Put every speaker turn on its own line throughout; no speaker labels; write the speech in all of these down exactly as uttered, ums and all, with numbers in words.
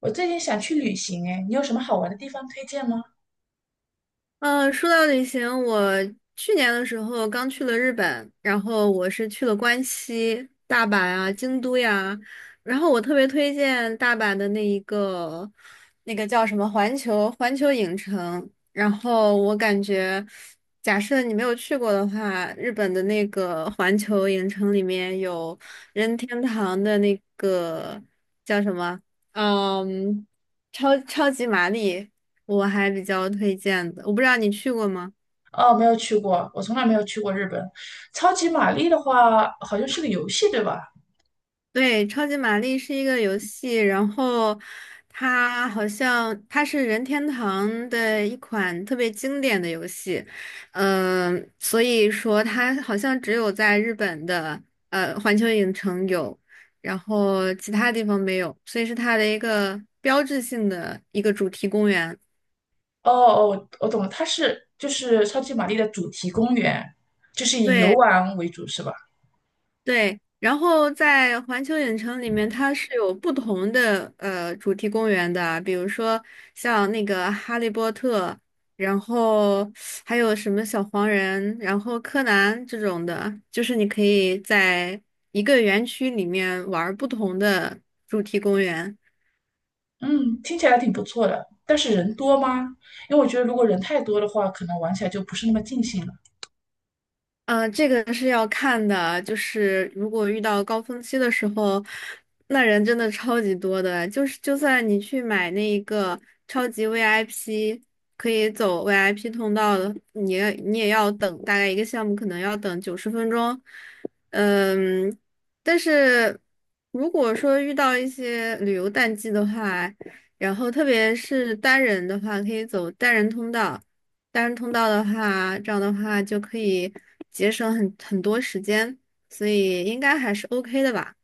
我最近想去旅行，哎，你有什么好玩的地方推荐吗？
嗯，说到旅行，我去年的时候刚去了日本，然后我是去了关西、大阪啊、京都呀，然后我特别推荐大阪的那一个，那个叫什么环球环球影城，然后我感觉，假设你没有去过的话，日本的那个环球影城里面有任天堂的那个叫什么，嗯，超超级玛丽。我还比较推荐的，我不知道你去过吗？
哦，没有去过，我从来没有去过日本。超级玛丽的话，好像是个游戏，对吧？
对，超级玛丽是一个游戏，然后它好像它是任天堂的一款特别经典的游戏，嗯、所以说它好像只有在日本的呃环球影城有，然后其他地方没有，所以是它的一个标志性的一个主题公园。
哦哦，我懂了，它是就是超级玛丽的主题公园，就是以游
对，
玩为主，是吧？
对，然后在环球影城里面，它是有不同的呃主题公园的，比如说像那个《哈利波特》，然后还有什么小黄人，然后柯南这种的，就是你可以在一个园区里面玩儿不同的主题公园。
嗯，听起来挺不错的，但是人多吗？因为我觉得如果人太多的话，可能玩起来就不是那么尽兴了。
啊，这个是要看的，就是如果遇到高峰期的时候，那人真的超级多的。就是就算你去买那一个超级 V I P，可以走 V I P 通道的，你也你也要等大概一个项目可能要等九十分钟。嗯，但是如果说遇到一些旅游淡季的话，然后特别是单人的话，可以走单人通道。单人通道的话，这样的话就可以节省很很多时间，所以应该还是 OK 的吧。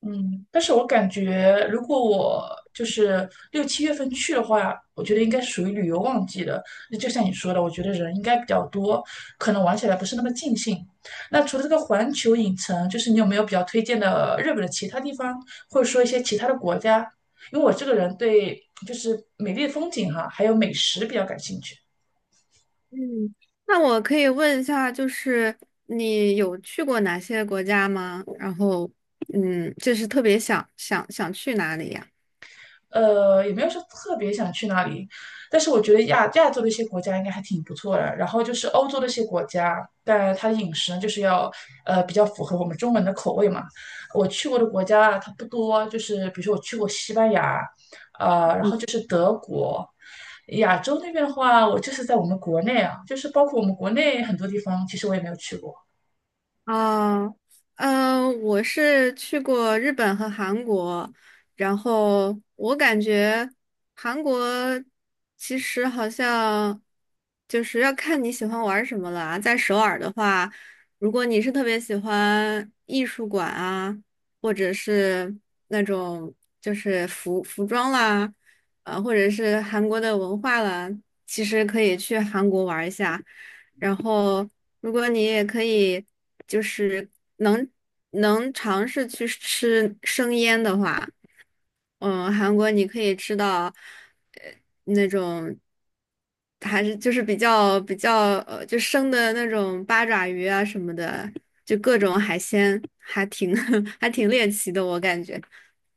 嗯，但是我感觉，如果我就是六七月份去的话，我觉得应该属于旅游旺季的。那就像你说的，我觉得人应该比较多，可能玩起来不是那么尽兴。那除了这个环球影城，就是你有没有比较推荐的日本的其他地方，或者说一些其他的国家？因为我这个人对就是美丽的风景哈、还有美食比较感兴趣。
嗯，那我可以问一下，就是你有去过哪些国家吗？然后，嗯，就是特别想想想去哪里呀？
呃，也没有说特别想去哪里，但是我觉得亚亚洲的一些国家应该还挺不错的。然后就是欧洲的一些国家，但它的饮食呢，就是要呃比较符合我们中国人的口味嘛。我去过的国家啊它不多，就是比如说我去过西班牙，呃，然后就是德国。亚洲那边的话，我就是在我们国内啊，就是包括我们国内很多地方，其实我也没有去过。
啊，嗯，我是去过日本和韩国，然后我感觉韩国其实好像就是要看你喜欢玩什么了啊。在首尔的话，如果你是特别喜欢艺术馆啊，或者是那种就是服服装啦，啊，或者是韩国的文化啦，其实可以去韩国玩一下。然后，如果你也可以，就是能能尝试去吃生腌的话，嗯，韩国你可以吃到，呃，那种还是就是比较比较呃，就生的那种八爪鱼啊什么的，就各种海鲜，还挺 还挺猎奇的，我感觉。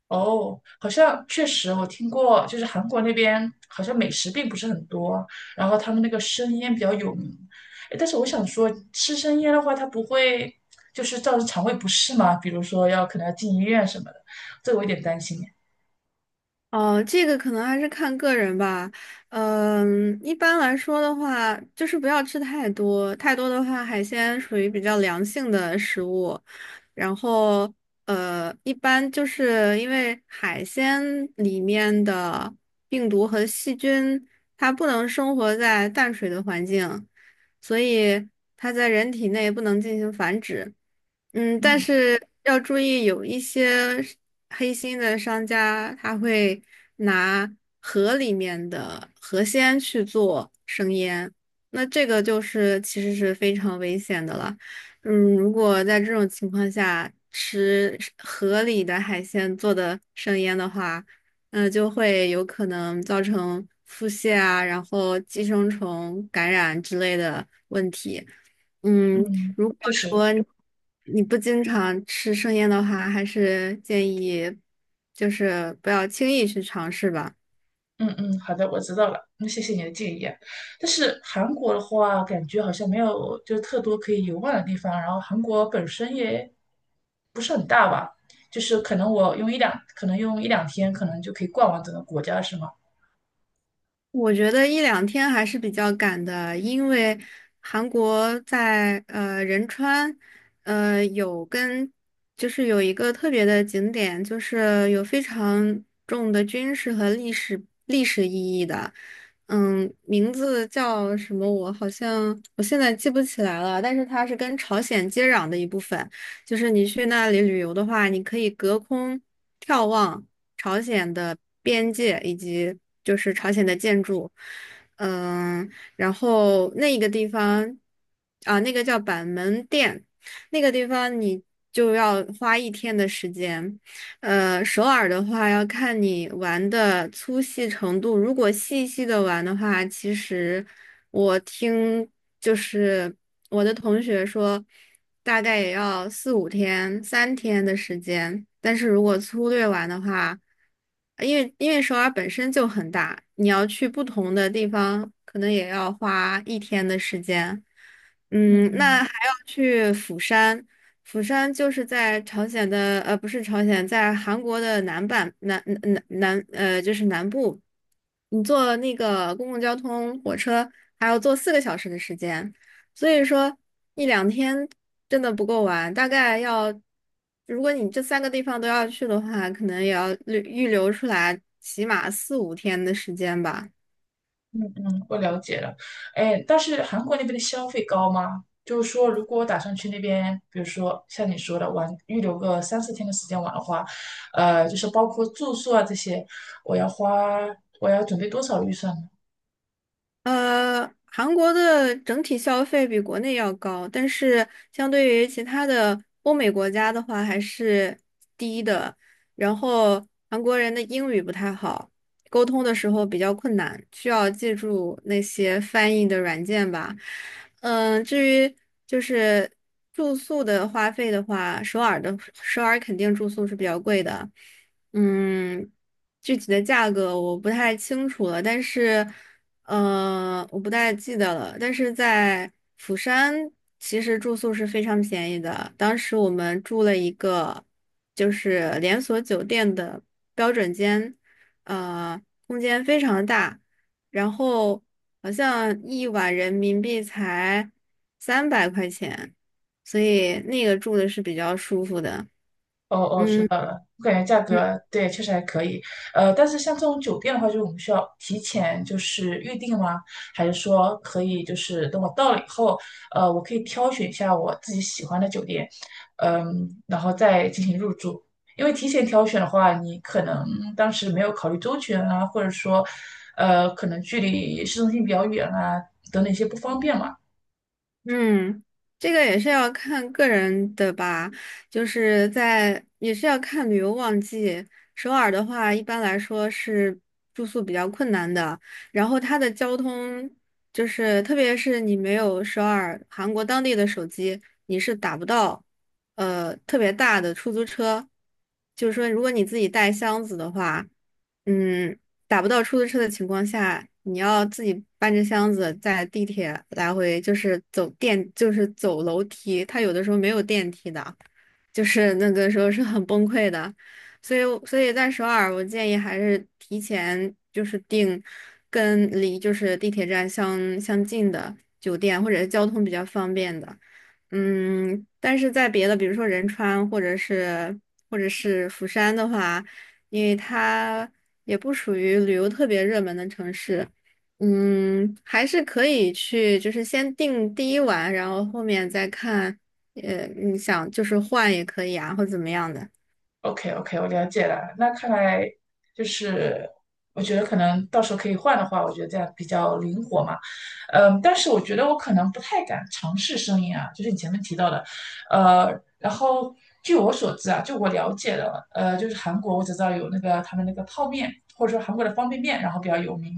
哦，好像确实我听过，就是韩国那边好像美食并不是很多，然后他们那个生腌比较有名。诶但是我想说，吃生腌的话，它不会就是造成肠胃不适吗？比如说要可能要进医院什么的，这个我有点担心耶
哦，这个可能还是看个人吧。嗯，一般来说的话，就是不要吃太多，太多的话，海鲜属于比较凉性的食物。然后，呃，一般就是因为海鲜里面的病毒和细菌，它不能生活在淡水的环境，所以它在人体内不能进行繁殖。嗯，但是要注意，有一些是黑心的商家，他会拿河里面的河鲜去做生腌，那这个就是其实是非常危险的了。嗯，如果在这种情况下吃河里的海鲜做的生腌的话，嗯，就会有可能造成腹泻啊，然后寄生虫感染之类的问题。嗯，
嗯，
如果
确实。
说你你不经常吃生腌的话，还是建议就是不要轻易去尝试吧。
嗯嗯，好的，我知道了。那谢谢你的建议啊。但是韩国的话，感觉好像没有就是特多可以游玩的地方。然后韩国本身也不是很大吧，就是可能我用一两，可能用一两天，可能就可以逛完整个国家，是吗？
我觉得一两天还是比较赶的，因为韩国在呃仁川，呃有跟就是有一个特别的景点，就是有非常重的军事和历史历史意义的，嗯，名字叫什么我好像我现在记不起来了，但是它是跟朝鲜接壤的一部分。就是你去那里旅游的话，你可以隔空眺望朝鲜的边界以及就是朝鲜的建筑，嗯，然后那一个地方啊，那个叫板门店，那个地方你就要花一天的时间，呃，首尔的话要看你玩的粗细程度。如果细细的玩的话，其实我听就是我的同学说，大概也要四五天、三天的时间。但是如果粗略玩的话，因为因为首尔本身就很大，你要去不同的地方，可能也要花一天的时间。嗯，那还要去釜山。釜山就是在朝鲜的，呃，不是朝鲜，在韩国的南半南南南，呃，就是南部。你坐那个公共交通火车，还要坐四个小时的时间，所以说一两天真的不够玩，大概要，如果你这三个地方都要去的话，可能也要预预留出来起码四五天的时间吧。
嗯嗯，我了解了。哎，但是韩国那边的消费高吗？就是说，如果我打算去那边，比如说像你说的玩，预留个三四天的时间玩的话，呃，就是包括住宿啊这些，我要花，我要准备多少预算呢？
呃，韩国的整体消费比国内要高，但是相对于其他的欧美国家的话还是低的。然后韩国人的英语不太好，沟通的时候比较困难，需要借助那些翻译的软件吧。嗯，至于就是住宿的花费的话，首尔的首尔肯定住宿是比较贵的。嗯，具体的价格我不太清楚了，但是。呃，我不太记得了，但是在釜山，其实住宿是非常便宜的。当时我们住了一个就是连锁酒店的标准间，呃，空间非常大，然后好像一晚人民币才三百块钱，所以那个住的是比较舒服的。
哦哦，知
嗯。
道了。我感觉价格对确实还可以，呃，但是像这种酒店的话，就是我们需要提前就是预定吗？还是说可以就是等我到了以后，呃，我可以挑选一下我自己喜欢的酒店，嗯，然后再进行入住。因为提前挑选的话，你可能当时没有考虑周全啊，或者说，呃，可能距离市中心比较远啊，等等一些不方便嘛。
嗯，这个也是要看个人的吧，就是在也是要看旅游旺季。首尔的话，一般来说是住宿比较困难的，然后它的交通就是，特别是你没有首尔韩国当地的手机，你是打不到呃特别大的出租车。就是说，如果你自己带箱子的话，嗯。打不到出租车的情况下，你要自己搬着箱子在地铁来回，就是走电，就是走楼梯。他有的时候没有电梯的，就是那个时候是很崩溃的。所以，所以，在首尔，我建议还是提前就是订跟离就是地铁站相相近的酒店，或者是交通比较方便的。嗯，但是在别的，比如说仁川或者是或者是釜山的话。因为它也不属于旅游特别热门的城市，嗯，还是可以去，就是先定第一晚，然后后面再看，呃，你想就是换也可以啊，或怎么样的。
O K O K，我了解了。那看来就是，我觉得可能到时候可以换的话，我觉得这样比较灵活嘛。嗯，但是我觉得我可能不太敢尝试生音啊，就是你前面提到的。呃，然后据我所知啊，就我了解的，呃，就是韩国我只知道有那个他们那个泡面，或者说韩国的方便面，然后比较有名。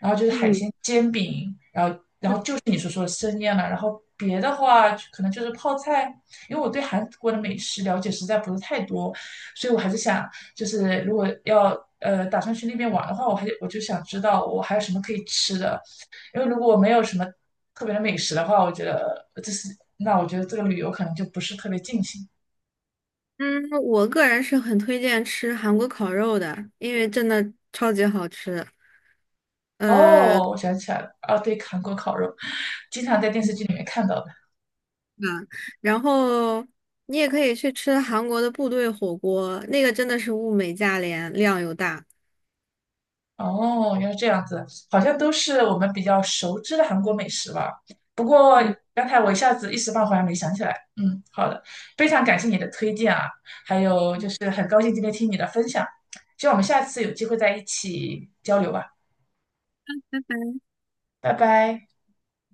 然后就是海
嗯
鲜煎饼，然后然后就是你所说的生腌了。然后别的话可能就是泡菜，因为我对韩国的美食了解实在不是太多。所以我还是想，就是如果要呃打算去那边玩的话，我还我就想知道我还有什么可以吃的，因为如果我没有什么特别的美食的话，我觉得就是那我觉得这个旅游可能就不是特别尽兴。
嗯，我个人是很推荐吃韩国烤肉的，因为真的超级好吃。呃，啊，
哦，我想起来了，啊，对，韩国烤肉，经常在电视剧里面看到的。
然后你也可以去吃韩国的部队火锅，那个真的是物美价廉，量又大。
哦，原来这样子，好像都是我们比较熟知的韩国美食吧。不过
嗯。
刚才我一下子一时半会儿还没想起来。嗯，好的，非常感谢你的推荐啊，还有就是很高兴今天听你的分享，希望我们下次有机会在一起交流吧，拜拜。